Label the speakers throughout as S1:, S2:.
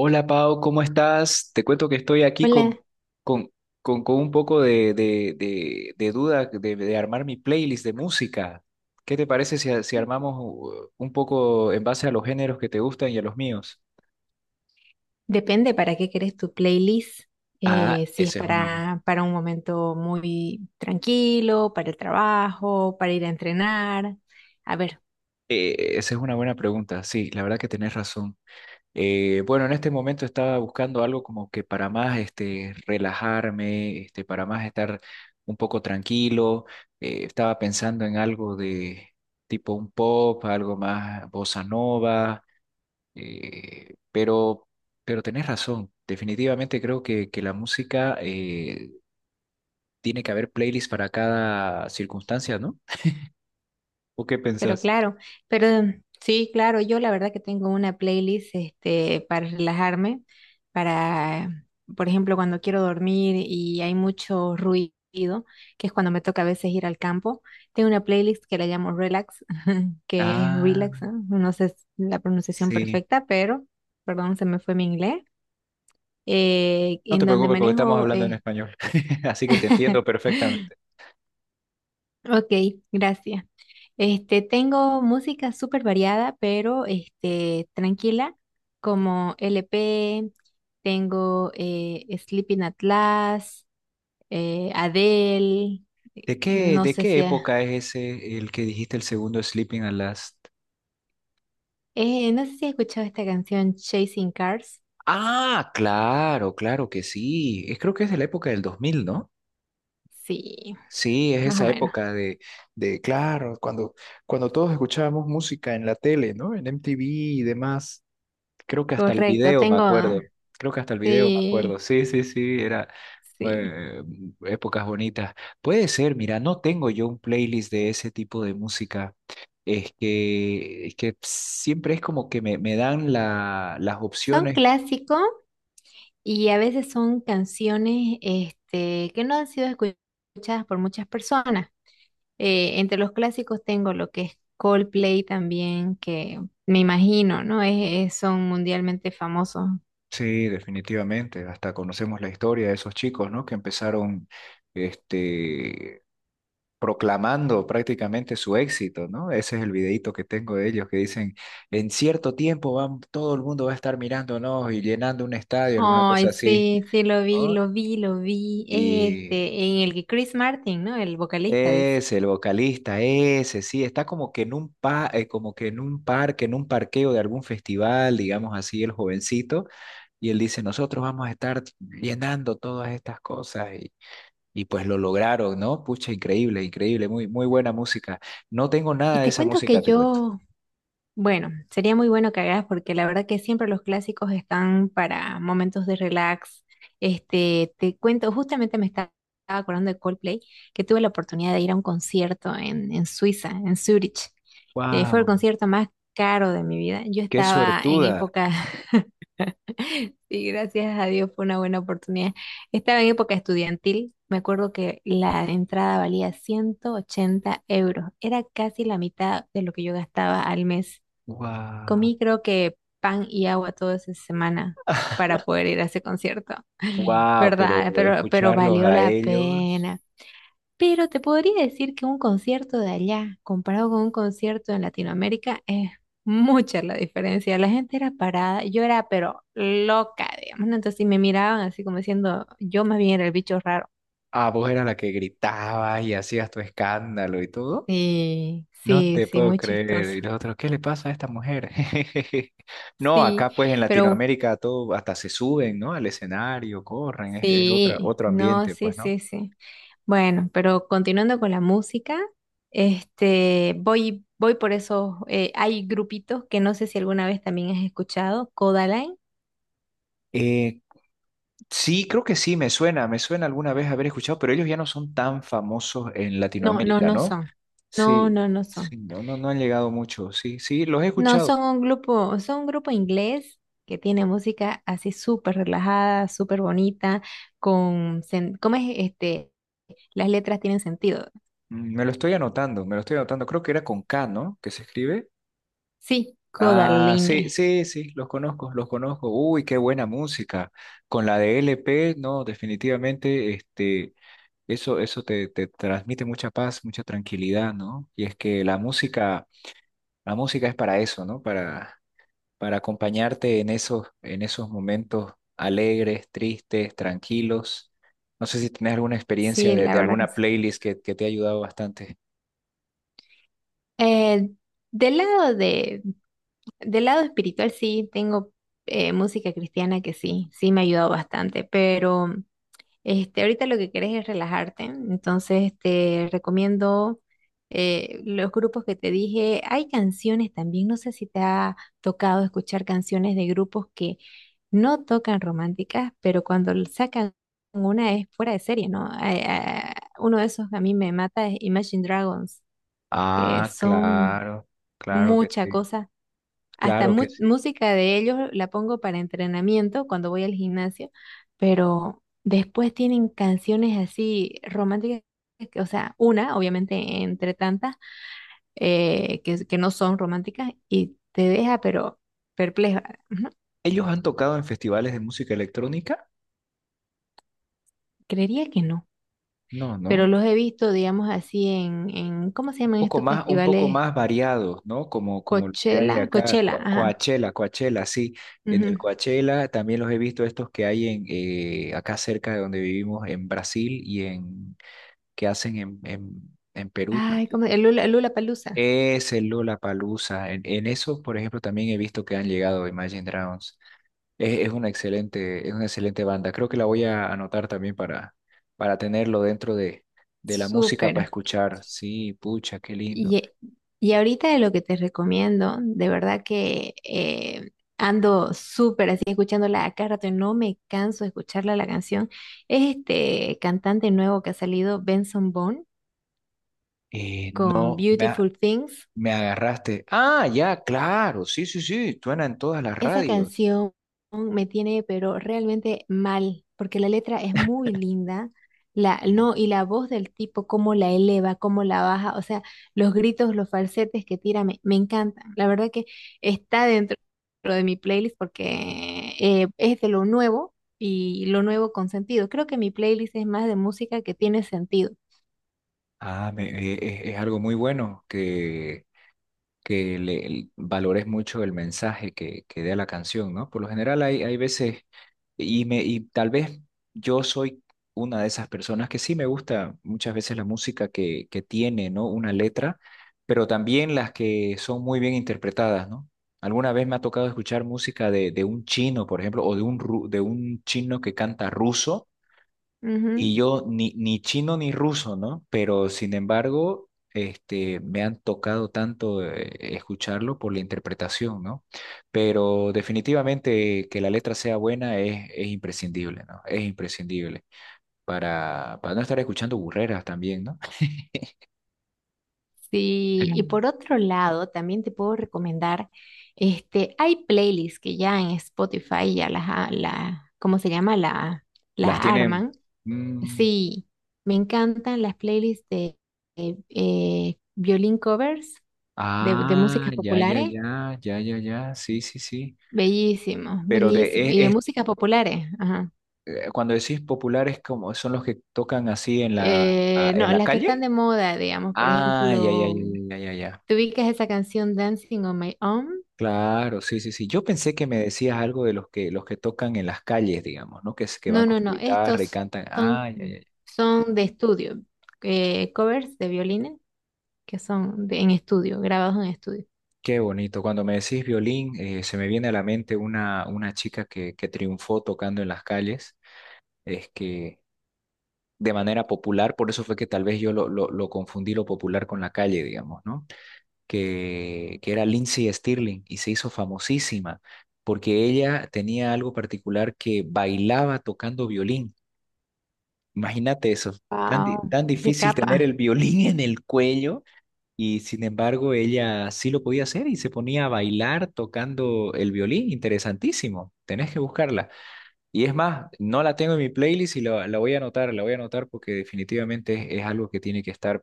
S1: Hola Pau, ¿cómo estás? Te cuento que estoy aquí
S2: Hola,
S1: con, con un poco de duda de armar mi playlist de música. ¿Qué te parece si armamos un poco en base a los géneros que te gustan y a los míos?
S2: depende para qué querés tu playlist.
S1: Ah,
S2: Si es
S1: esa es
S2: para un momento muy tranquilo, para el trabajo, para ir a entrenar. A ver.
S1: esa es una buena pregunta. Sí, la verdad que tenés razón. Bueno, en este momento estaba buscando algo como que para más este, relajarme, este, para más estar un poco tranquilo. Estaba pensando en algo de tipo un pop, algo más bossa nova, eh, pero, pero tenés razón. Definitivamente creo que la música tiene que haber playlists para cada circunstancia, ¿no? ¿O qué
S2: Pero
S1: pensás?
S2: claro, pero sí, claro, yo la verdad que tengo una playlist este para relajarme, para, por ejemplo, cuando quiero dormir y hay mucho ruido, que es cuando me toca a veces ir al campo, tengo una playlist que la llamo Relax, que es
S1: Ah,
S2: Relax, ¿no? No sé la pronunciación
S1: sí.
S2: perfecta, pero, perdón, se me fue mi inglés,
S1: No
S2: en
S1: te
S2: donde
S1: preocupes porque estamos
S2: manejo
S1: hablando en español, así que te entiendo perfectamente.
S2: Ok, gracias. Este, tengo música súper variada, pero este, tranquila, como LP, tengo Sleeping Atlas, Adele, eh,
S1: ¿De qué,
S2: no
S1: de
S2: sé
S1: qué
S2: si ha-
S1: época es ese el que dijiste el segundo Sleeping at Last?
S2: eh, no sé si has escuchado esta canción Chasing Cars.
S1: Ah, claro, claro que sí. Es- creo que es de la época del dos mil, ¿no?
S2: Sí,
S1: Sí, es
S2: más o
S1: esa
S2: menos.
S1: época de claro, cuando, cuando todos escuchábamos música en la tele, ¿no? En MTV y demás. Creo que hasta el
S2: Correcto,
S1: video me
S2: tengo,
S1: acuerdo. Creo que hasta el video me acuerdo.
S2: sí,
S1: Sí, sí, sí, era
S2: sí.
S1: eh, épocas bonitas. Puede ser, mira, no tengo yo un playlist de ese tipo de música. Es que siempre es como que me dan las
S2: Son
S1: opciones.
S2: clásicos. Y a veces son canciones este, que no han sido escuchadas por muchas personas. Entre los clásicos tengo lo que es Coldplay también, que me imagino, ¿no? Es, son mundialmente famosos.
S1: Sí, definitivamente. Hasta conocemos la historia de esos chicos, ¿no? Que empezaron este, proclamando prácticamente su éxito, ¿no? Ese es el videíto que tengo de ellos que dicen, en cierto tiempo van, todo el mundo va a estar mirándonos y llenando un estadio, alguna
S2: Ay,
S1: cosa así,
S2: sí, sí, lo vi,
S1: ¿no?
S2: lo vi, lo vi.
S1: Y
S2: Este, en el que Chris Martin, ¿no? El vocalista dice.
S1: es el vocalista, ese, sí, está como que en un como que en un parque, en un parqueo de algún festival, digamos así, el jovencito. Y él dice, nosotros vamos a estar llenando todas estas cosas. Y pues lo lograron, ¿no? Pucha, increíble, increíble, muy, muy buena música. No tengo
S2: Y
S1: nada de
S2: te
S1: esa
S2: cuento que
S1: música, te cuento.
S2: yo. Bueno, sería muy bueno que hagas porque la verdad que siempre los clásicos están para momentos de relax. Este, te cuento, justamente me estaba acordando de Coldplay, que tuve la oportunidad de ir a un concierto en Suiza, en Zurich. Fue el
S1: Wow.
S2: concierto más caro de mi vida. Yo
S1: Qué
S2: estaba en
S1: suertuda.
S2: época, sí, gracias a Dios fue una buena oportunidad. Estaba en época estudiantil. Me acuerdo que la entrada valía 180 euros. Era casi la mitad de lo que yo gastaba al mes.
S1: Wow.
S2: Comí creo que pan y agua toda esa semana para poder ir a ese concierto,
S1: Wow, pero
S2: ¿verdad? Pero
S1: escucharlos
S2: valió
S1: a
S2: la
S1: ellos.
S2: pena. Pero te podría decir que un concierto de allá comparado con un concierto en Latinoamérica es mucha la diferencia. La gente era parada, yo era pero loca, digamos, ¿no? Entonces si me miraban así como diciendo, yo más bien era el bicho raro.
S1: Ah, vos eras la que gritabas y hacías tu escándalo y todo.
S2: Sí,
S1: No
S2: sí,
S1: te
S2: sí,
S1: puedo
S2: muy
S1: creer.
S2: chistoso.
S1: Y los otros, ¿qué le pasa a esta mujer? No,
S2: Sí,
S1: acá pues en
S2: pero
S1: Latinoamérica todo hasta se suben, ¿no? Al escenario, corren, es otra,
S2: sí,
S1: otro
S2: no,
S1: ambiente,
S2: sí,
S1: pues, ¿no?
S2: sí, sí. Bueno, pero continuando con la música, este, voy por esos, hay grupitos que no sé si alguna vez también has escuchado, Codaline.
S1: Eh, Sí, creo que sí, me suena alguna vez haber escuchado, pero ellos ya no son tan famosos en
S2: No, no,
S1: Latinoamérica,
S2: no
S1: ¿no?
S2: son. No,
S1: Sí,
S2: no, no son.
S1: sí, no, no, no han llegado mucho, sí, sí, los he
S2: No,
S1: escuchado.
S2: son un grupo inglés que tiene música así súper relajada, súper bonita, con, ¿cómo es este? Las letras tienen sentido.
S1: Mm, me lo estoy anotando, me lo estoy anotando, creo que era con K, ¿no? Que se escribe.
S2: Sí,
S1: Ah, sí,
S2: Codaline.
S1: sí, sí, los conozco, los conozco. Uy, qué buena música. Con la de L P, no, definitivamente, este, eso te, te transmite mucha paz, mucha tranquilidad, ¿no? Y es que la música es para eso, ¿no? Para acompañarte en esos momentos alegres, tristes, tranquilos. No sé si tenés alguna experiencia
S2: Sí, la
S1: de
S2: verdad que.
S1: alguna playlist que te ha ayudado bastante.
S2: Eh, del lado de, del lado espiritual sí tengo música cristiana que sí, sí me ha ayudado bastante, pero este, ahorita lo que querés es relajarte, entonces te recomiendo los grupos que te dije. Hay canciones también, no sé si te ha tocado escuchar canciones de grupos que no tocan románticas, pero cuando sacan una es fuera de serie, ¿no? Ay, ah, uno de esos que a mí me mata es Imagine Dragons, que
S1: Ah,
S2: son
S1: claro, claro que
S2: mucha
S1: sí,
S2: cosa. Hasta
S1: claro que
S2: mu-
S1: sí.
S2: música de ellos la pongo para entrenamiento cuando voy al gimnasio, pero después tienen canciones así románticas, o sea, una, obviamente, entre tantas, que no son románticas y te deja, pero perpleja.
S1: ¿Ellos han tocado en festivales de música electrónica?
S2: Creería que no,
S1: No,
S2: pero
S1: no.
S2: los he visto, digamos así, en ¿cómo se llaman estos
S1: Un poco
S2: festivales?
S1: más variados, ¿no? Como, como lo que hay
S2: Coachella,
S1: acá,
S2: Coachella, ajá,
S1: Coachella, Coachella, sí. En el
S2: ujú.
S1: Coachella también los he visto estos que hay en acá cerca de donde vivimos, en Brasil y en que hacen en Perú
S2: Ay,
S1: también.
S2: ¿cómo? El Lula, Palusa.
S1: Es el Lollapalooza. En eso, por ejemplo, también he visto que han llegado Imagine Dragons. Es una excelente banda. Creo que la voy a anotar también para tenerlo dentro de la música para
S2: Súper.
S1: escuchar. Sí, pucha, qué lindo.
S2: Y, y ahorita de lo que te recomiendo, de verdad que ando súper así escuchándola a cada rato y no me canso de escucharla la canción, es este cantante nuevo que ha salido, Benson Boone, con
S1: No, me, a-
S2: Beautiful Things.
S1: Me agarraste. Ah, ya, claro. Sí, sí, sí. Suena en todas las
S2: Esa
S1: radios.
S2: canción me tiene, pero realmente mal, porque la letra es muy linda, la,
S1: Mm.
S2: no, y la voz del tipo, cómo la eleva, cómo la baja, o sea, los gritos, los falsetes que tira, me encantan. La verdad que está dentro de mi playlist porque es de lo nuevo y lo nuevo con sentido. Creo que mi playlist es más de música que tiene sentido.
S1: Ah, es algo muy bueno valores mucho el mensaje que dé la canción, ¿no? Por lo general hay, hay veces, y tal vez yo soy una de esas personas que sí me gusta muchas veces la música que tiene, ¿no? Una letra, pero también las que son muy bien interpretadas, ¿no? Alguna vez me ha tocado escuchar música de un chino, por ejemplo, o de de un chino que canta ruso y
S2: Ujú.
S1: yo ni, ni chino ni ruso, ¿no? Pero sin embargo, este, me han tocado tanto escucharlo por la interpretación, ¿no? Pero definitivamente que la letra sea buena es imprescindible, ¿no? Es imprescindible para no estar escuchando burreras también, ¿no?
S2: Sí, y
S1: Mm.
S2: por otro lado, también te puedo recomendar, este, hay playlists que ya en Spotify ya ¿cómo se llama? La
S1: Las tienen...
S2: arman.
S1: mm,
S2: Sí, me encantan las playlists de violín covers de
S1: ah,
S2: músicas
S1: ya, ya,
S2: populares.
S1: ya, ya, ya, ya, sí, sí, sí.
S2: Bellísimo,
S1: Pero
S2: bellísimo.
S1: es,
S2: Y de
S1: es-
S2: músicas populares, ajá.
S1: cuando decís populares, ¿como son los que tocan así en en
S2: No,
S1: la
S2: las que están
S1: calle?
S2: de moda, digamos, por
S1: Ah, ya, ya,
S2: ejemplo,
S1: ya, ya, ya, ya, ya.
S2: ¿te ubicas esa canción Dancing on My Own?
S1: Claro, sí, sí, sí. Yo pensé que me decías algo de los que tocan en las calles, digamos, ¿no? Que
S2: No,
S1: van con
S2: no,
S1: su
S2: no.
S1: guitarra y
S2: Estos
S1: cantan.
S2: son,
S1: Ah, ya, ya, ya.
S2: son de estudio. Covers de violines que son en estudio, grabados en estudio.
S1: Qué bonito. Cuando me decís violín, se me viene a la mente una chica que triunfó tocando en las calles, es que de manera popular, por eso fue que tal vez yo lo lo confundí lo popular con la calle, digamos, ¿no? Que era Lindsay Stirling y se hizo famosísima porque ella tenía algo particular que bailaba tocando violín. Imagínate eso,
S2: Wow,
S1: tan
S2: qué
S1: difícil tener el
S2: capa.
S1: violín en el cuello y sin embargo ella sí lo podía hacer y se ponía a bailar tocando el violín. Interesantísimo, tenés que buscarla. Y es más, no la tengo en mi playlist y la voy a anotar, la voy a anotar porque definitivamente es algo que tiene que estar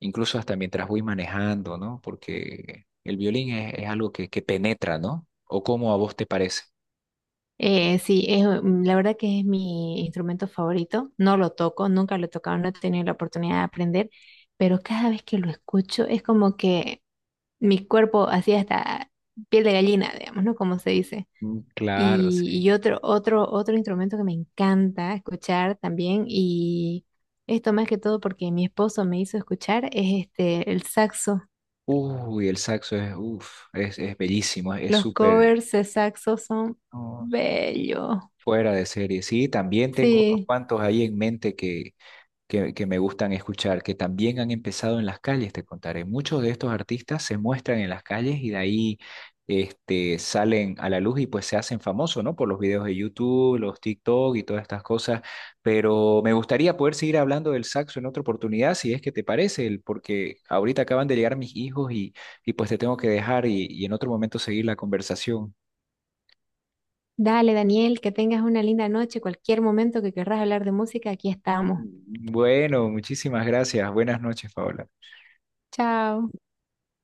S1: incluso hasta mientras voy manejando, ¿no? Porque el violín es algo que penetra, ¿no? ¿O cómo a vos te parece?
S2: Sí, es, la verdad que es mi instrumento favorito. No lo toco, nunca lo he tocado, no he tenido la oportunidad de aprender, pero cada vez que lo escucho es como que mi cuerpo así hasta piel de gallina, digamos, ¿no? Como se dice.
S1: Mm, claro,
S2: Y,
S1: sí.
S2: y otro, otro, otro instrumento que me encanta escuchar también, y esto más que todo porque mi esposo me hizo escuchar, es este, el saxo.
S1: Uy, el saxo es, uf, es bellísimo, es
S2: Los
S1: súper
S2: covers de saxo son
S1: no,
S2: bellos.
S1: fuera de serie. Sí, también tengo unos
S2: Sí,
S1: cuantos ahí en mente que me gustan escuchar, que también han empezado en las calles, te contaré. Muchos de estos artistas se muestran en las calles y de ahí este, salen a la luz y pues se hacen famosos, ¿no? Por los videos de YouTube, los TikTok y todas estas cosas. Pero me gustaría poder seguir hablando del saxo en otra oportunidad, si es que te parece, el- porque ahorita acaban de llegar mis hijos y pues te tengo que dejar y en otro momento seguir la conversación.
S2: dale Daniel, que tengas una linda noche. Cualquier momento que querrás hablar de música, aquí estamos.
S1: Bueno, muchísimas gracias. Buenas noches, Paola.
S2: Chao.